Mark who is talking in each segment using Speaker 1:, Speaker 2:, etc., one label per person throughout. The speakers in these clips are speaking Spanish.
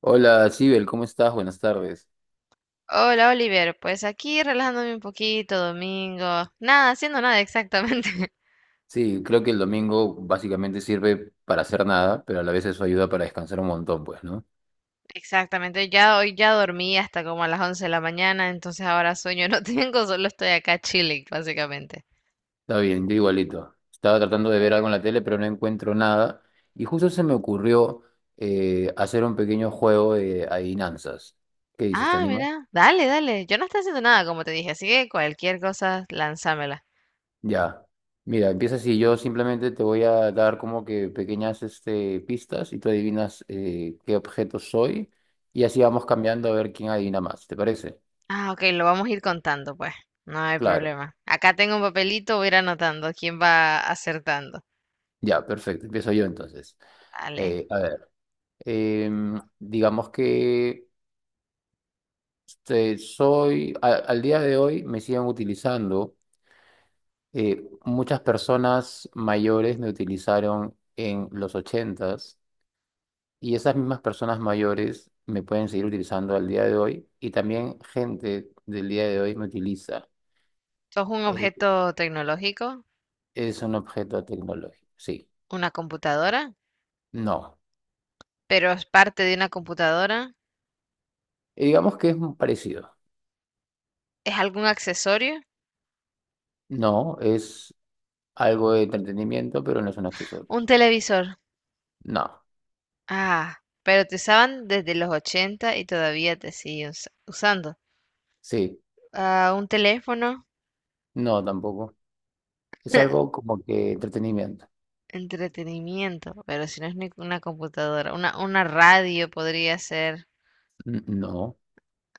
Speaker 1: Hola, Sibel, ¿cómo estás? Buenas tardes.
Speaker 2: Hola Oliver, pues aquí relajándome un poquito, domingo, nada, haciendo nada exactamente.
Speaker 1: Sí, creo que el domingo básicamente sirve para hacer nada, pero a la vez eso ayuda para descansar un montón, pues, ¿no?
Speaker 2: Exactamente, ya hoy ya dormí hasta como a las 11 de la mañana, entonces ahora sueño no tengo, solo estoy acá chilling, básicamente.
Speaker 1: Está bien, yo igualito. Estaba tratando de ver algo en la tele, pero no encuentro nada. Y justo se me ocurrió hacer un pequeño juego de adivinanzas. ¿Qué dices? ¿Te
Speaker 2: Ah,
Speaker 1: animas?
Speaker 2: mira, dale, dale, yo no estoy haciendo nada, como te dije, así que cualquier cosa, lánzamela.
Speaker 1: Ya. Mira, empieza así. Yo simplemente te voy a dar como que pequeñas pistas y tú adivinas qué objeto soy. Y así vamos cambiando a ver quién adivina más. ¿Te parece?
Speaker 2: Ah, ok, lo vamos a ir contando, pues, no hay
Speaker 1: Claro.
Speaker 2: problema. Acá tengo un papelito, voy a ir anotando quién va acertando.
Speaker 1: Ya, perfecto. Empiezo yo entonces.
Speaker 2: Dale,
Speaker 1: A ver, digamos que soy, al día de hoy me siguen utilizando, muchas personas mayores me utilizaron en los 80 y esas mismas personas mayores me pueden seguir utilizando al día de hoy y también gente del día de hoy me utiliza.
Speaker 2: ¿sos un
Speaker 1: Eh,
Speaker 2: objeto tecnológico?
Speaker 1: es un objeto tecnológico, sí.
Speaker 2: ¿Una computadora?
Speaker 1: No.
Speaker 2: Pero es parte de una computadora.
Speaker 1: Digamos que es parecido.
Speaker 2: ¿Es algún accesorio?
Speaker 1: No, es algo de entretenimiento, pero no es un accesorio.
Speaker 2: Un televisor.
Speaker 1: No,
Speaker 2: Ah, pero te usaban desde los 80 y todavía te siguen usando.
Speaker 1: sí,
Speaker 2: Ah, un teléfono.
Speaker 1: no tampoco. Es algo como que entretenimiento.
Speaker 2: Entretenimiento, pero si no es ni una computadora, una radio podría ser.
Speaker 1: No.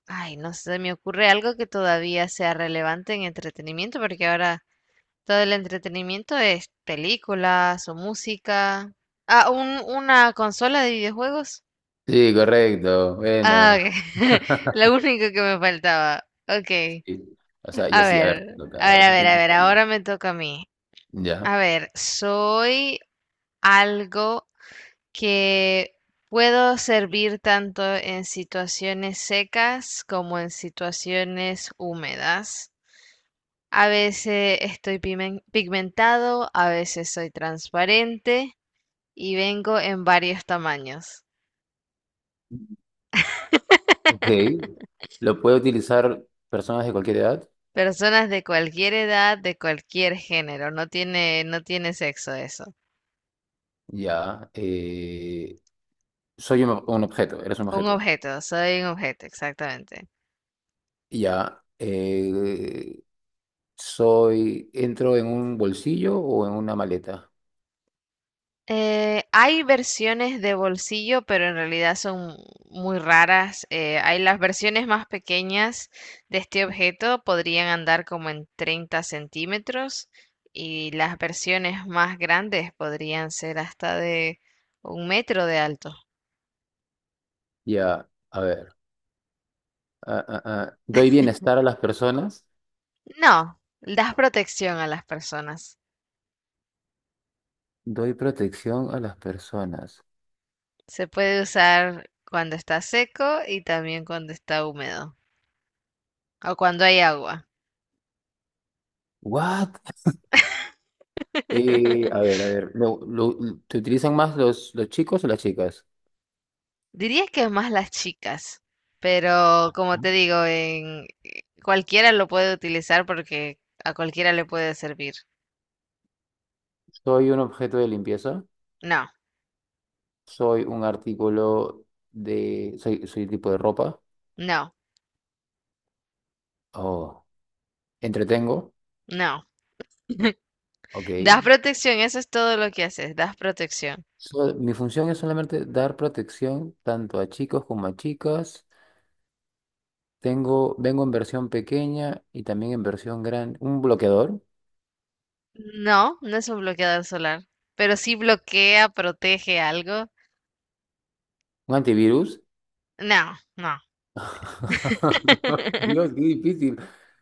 Speaker 2: Ay, no sé, me ocurre algo que todavía sea relevante en entretenimiento, porque ahora todo el entretenimiento es películas o música. Ah, una consola de videojuegos.
Speaker 1: Sí, correcto,
Speaker 2: Ah,
Speaker 1: bueno.
Speaker 2: ok. Lo único que me faltaba. Ok.
Speaker 1: Sí. O sea, y
Speaker 2: A
Speaker 1: así, a ver, te
Speaker 2: ver,
Speaker 1: toca, a
Speaker 2: a ver,
Speaker 1: ver,
Speaker 2: a
Speaker 1: tú
Speaker 2: ver, a
Speaker 1: piensas
Speaker 2: ver.
Speaker 1: algo.
Speaker 2: Ahora me toca a mí.
Speaker 1: Ya.
Speaker 2: A ver, soy algo que puedo servir tanto en situaciones secas como en situaciones húmedas. A veces estoy pigmentado, a veces soy transparente y vengo en varios tamaños.
Speaker 1: Ok. ¿Lo puede utilizar personas de cualquier edad?
Speaker 2: Personas de cualquier edad, de cualquier género, no tiene sexo eso.
Speaker 1: Ya. Soy un objeto, eres un
Speaker 2: Un
Speaker 1: objeto.
Speaker 2: objeto, soy un objeto, exactamente.
Speaker 1: Ya. Soy, entro en un bolsillo o en una maleta.
Speaker 2: Hay versiones de bolsillo, pero en realidad son muy raras. Hay las versiones más pequeñas de este objeto, podrían andar como en 30 centímetros y las versiones más grandes podrían ser hasta de 1 metro de alto.
Speaker 1: Ya. A ver. ¿Doy bienestar a las personas?
Speaker 2: No, das protección a las personas.
Speaker 1: Doy protección a las personas.
Speaker 2: Se puede usar cuando está seco y también cuando está húmedo o cuando hay agua.
Speaker 1: What? A ver, a ver. ¿Te utilizan más los chicos o las chicas?
Speaker 2: Diría que más las chicas, pero como
Speaker 1: Ujú.
Speaker 2: te digo, en cualquiera lo puede utilizar porque a cualquiera le puede servir.
Speaker 1: Soy un objeto de limpieza.
Speaker 2: No,
Speaker 1: Soy un artículo de. Soy tipo de ropa.
Speaker 2: no,
Speaker 1: Oh. Entretengo.
Speaker 2: no.
Speaker 1: Ok.
Speaker 2: Das protección, eso es todo lo que haces, das protección.
Speaker 1: Mi función es solamente dar protección tanto a chicos como a chicas. Tengo, vengo en versión pequeña y también en versión grande. Un bloqueador,
Speaker 2: No, no es un bloqueador solar, pero sí bloquea, protege algo.
Speaker 1: un antivirus.
Speaker 2: No, no.
Speaker 1: Dios, qué difícil.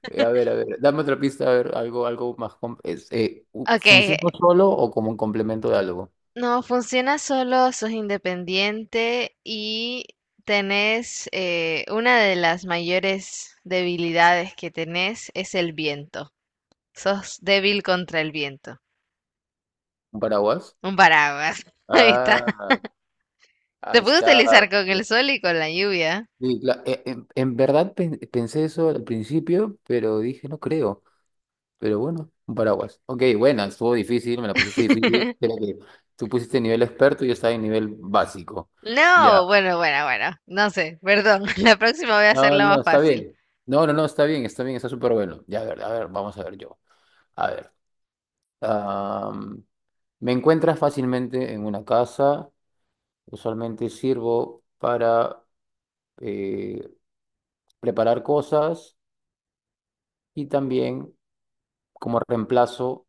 Speaker 1: A ver, dame otra pista, a ver, algo, algo más. Es,
Speaker 2: Ok,
Speaker 1: ¿funciona solo o como un complemento de algo?
Speaker 2: no, funciona solo, sos independiente y tenés una de las mayores debilidades que tenés es el viento. Sos débil contra el viento.
Speaker 1: ¿Un paraguas?
Speaker 2: Un paraguas. Ahí está.
Speaker 1: Ah, ahí
Speaker 2: Se puede
Speaker 1: está.
Speaker 2: utilizar con el
Speaker 1: Pues.
Speaker 2: sol y con la lluvia.
Speaker 1: Sí, en verdad pensé eso al principio, pero dije, no creo. Pero bueno, un paraguas. Ok, buena, estuvo difícil, me la pusiste difícil. Creo que tú pusiste nivel experto y yo estaba en nivel básico. Ya.
Speaker 2: No, bueno, bueno, bueno. No sé, perdón. La próxima voy a
Speaker 1: No,
Speaker 2: hacerla
Speaker 1: no,
Speaker 2: más
Speaker 1: no, está
Speaker 2: fácil.
Speaker 1: bien. No, no, no, está bien, está bien, está súper bueno. Ya, a ver, vamos a ver yo. A ver. am, me encuentras fácilmente en una casa. Usualmente sirvo para eh, preparar cosas y también como reemplazo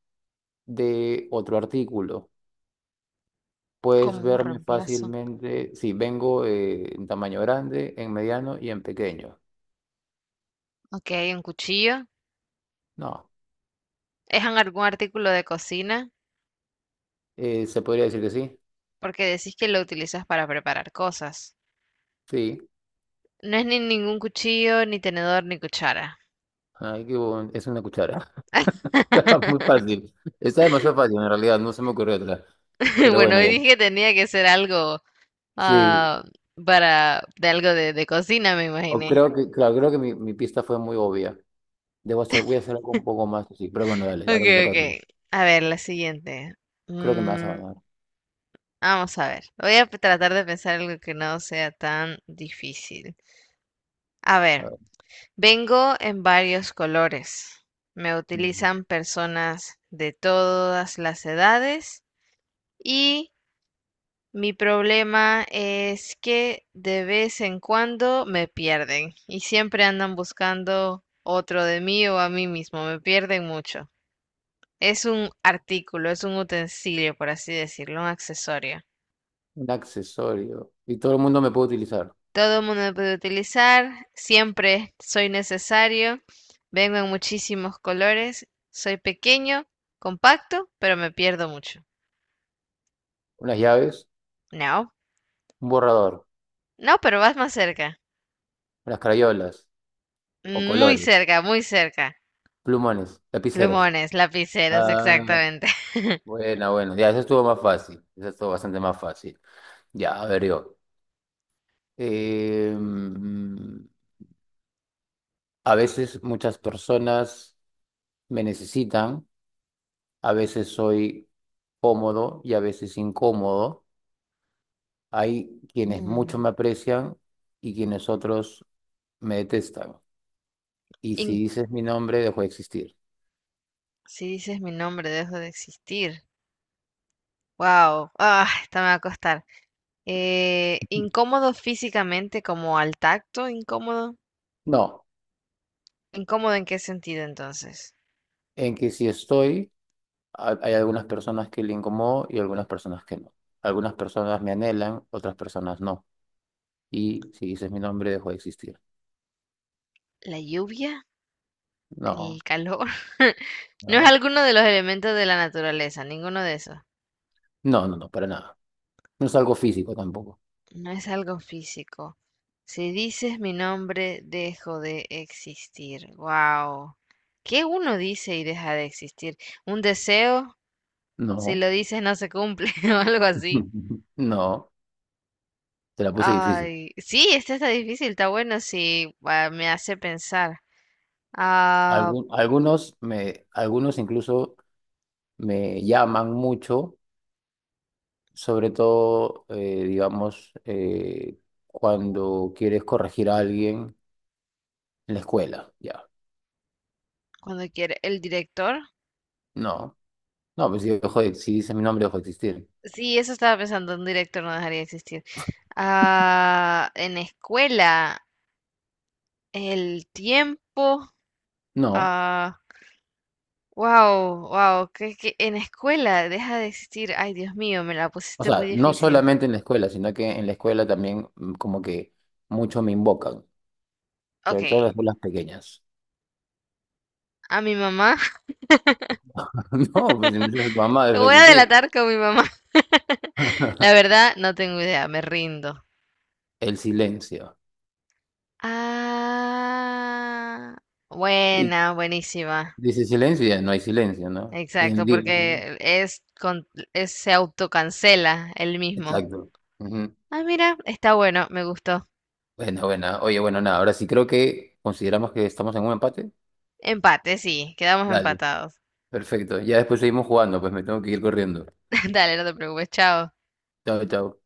Speaker 1: de otro artículo. Puedes
Speaker 2: ¿Cómo
Speaker 1: verme
Speaker 2: reemplazo?
Speaker 1: fácilmente. Sí, vengo en tamaño grande, en mediano y en pequeño.
Speaker 2: Ok, un cuchillo.
Speaker 1: No,
Speaker 2: ¿Es en algún artículo de cocina?
Speaker 1: se podría decir que sí.
Speaker 2: Porque decís que lo utilizas para preparar cosas.
Speaker 1: Sí.
Speaker 2: No es ni ningún cuchillo, ni tenedor, ni cuchara.
Speaker 1: Ay, Es una cuchara. Muy fácil. Está demasiado fácil en realidad, no se me ocurrió otra. Pero
Speaker 2: Bueno,
Speaker 1: bueno,
Speaker 2: hoy
Speaker 1: ya.
Speaker 2: dije que tenía que ser algo
Speaker 1: Sí,
Speaker 2: ah, para de algo de cocina, me
Speaker 1: o
Speaker 2: imaginé.
Speaker 1: creo que, claro, creo que mi pista fue muy obvia. Debo hacer, voy a hacer algo un poco más así. Pero bueno, dale,
Speaker 2: Ok,
Speaker 1: ahora te toca a ti.
Speaker 2: ok. A ver, la siguiente.
Speaker 1: Creo que me vas a
Speaker 2: Mm,
Speaker 1: ganar.
Speaker 2: vamos a ver. Voy a tratar de pensar algo que no sea tan difícil. A
Speaker 1: A
Speaker 2: ver,
Speaker 1: ver,
Speaker 2: vengo en varios colores. Me
Speaker 1: bien.
Speaker 2: utilizan personas de todas las edades y mi problema es que de vez en cuando me pierden y siempre andan buscando otro de mí o a mí mismo, me pierden mucho. Es un artículo, es un utensilio, por así decirlo, un accesorio.
Speaker 1: Un accesorio. Y todo el mundo me puede utilizar.
Speaker 2: Todo el mundo lo puede utilizar, siempre soy necesario, vengo en muchísimos colores, soy pequeño, compacto, pero me pierdo mucho.
Speaker 1: Unas llaves,
Speaker 2: No,
Speaker 1: un borrador,
Speaker 2: no, pero vas más cerca,
Speaker 1: unas crayolas, o
Speaker 2: muy
Speaker 1: colores,
Speaker 2: cerca, muy cerca.
Speaker 1: plumones, lapiceros.
Speaker 2: Plumones, lapiceros,
Speaker 1: Ah,
Speaker 2: exactamente.
Speaker 1: bueno, bueno. Ya, eso estuvo más fácil. Eso estuvo bastante más fácil. Ya, a ver yo. Eh, A veces muchas personas me necesitan, a veces soy cómodo y a veces incómodo. Hay quienes mucho
Speaker 2: Mm.
Speaker 1: me aprecian y quienes otros me detestan. Y si
Speaker 2: In-
Speaker 1: dices mi nombre, dejo de existir.
Speaker 2: si dices mi nombre, dejo de existir. Wow, ah, esta me va a costar. Incómodo físicamente como al tacto, incómodo.
Speaker 1: No,
Speaker 2: ¿Incómodo en qué sentido entonces?
Speaker 1: en que si estoy, hay algunas personas que le incomodo y algunas personas que no. Algunas personas me anhelan, otras personas no. Y si dices mi nombre, dejo de existir.
Speaker 2: ¿La lluvia? ¿El
Speaker 1: No,
Speaker 2: calor? No es
Speaker 1: no,
Speaker 2: alguno de los elementos de la naturaleza, ninguno de esos.
Speaker 1: no, no, no, para nada. No es algo físico tampoco.
Speaker 2: No es algo físico. Si dices mi nombre, dejo de existir. Wow. ¿Qué uno dice y deja de existir? ¿Un deseo? Si
Speaker 1: No.
Speaker 2: lo dices no se cumple o algo así.
Speaker 1: No, te la puse difícil.
Speaker 2: Ay, sí, este está difícil, está bueno si me hace pensar. Ah,
Speaker 1: Algunos me, algunos incluso me llaman mucho, sobre todo, digamos, cuando quieres corregir a alguien en la escuela, ya.
Speaker 2: cuando quiere, ¿el director?
Speaker 1: No, no, pues si, si dices mi nombre, dejo de existir.
Speaker 2: Sí, eso estaba pensando, un director no dejaría de existir. Ah, en escuela, el tiempo.
Speaker 1: No,
Speaker 2: Ah. Wow, wow, que en escuela deja de existir. Ay, Dios mío, me la
Speaker 1: o
Speaker 2: pusiste muy
Speaker 1: sea, no
Speaker 2: difícil.
Speaker 1: solamente en la escuela, sino que en la escuela también mm, como que mucho me invocan,
Speaker 2: Ok,
Speaker 1: sobre todo en las escuelas pequeñas.
Speaker 2: a mi mamá.
Speaker 1: No, pues si me dices tu mamá, dejo
Speaker 2: Lo
Speaker 1: de
Speaker 2: voy a
Speaker 1: existir.
Speaker 2: delatar con mi mamá. La verdad, no tengo idea, me rindo.
Speaker 1: El silencio.
Speaker 2: Ah, buena, buenísima.
Speaker 1: Dice silencio y ya no hay silencio, ¿no? Y
Speaker 2: Exacto,
Speaker 1: digo, ¿no?
Speaker 2: porque se autocancela el mismo.
Speaker 1: Exacto. Ujú.
Speaker 2: Ah, mira, está bueno, me gustó.
Speaker 1: Bueno, bueno. Oye, bueno, nada. Ahora sí creo que consideramos que estamos en un empate.
Speaker 2: Empate, sí, quedamos
Speaker 1: Dale.
Speaker 2: empatados.
Speaker 1: Perfecto. Ya después seguimos jugando, pues me tengo que ir corriendo.
Speaker 2: Dale, no te preocupes, chao.
Speaker 1: Chao, chao.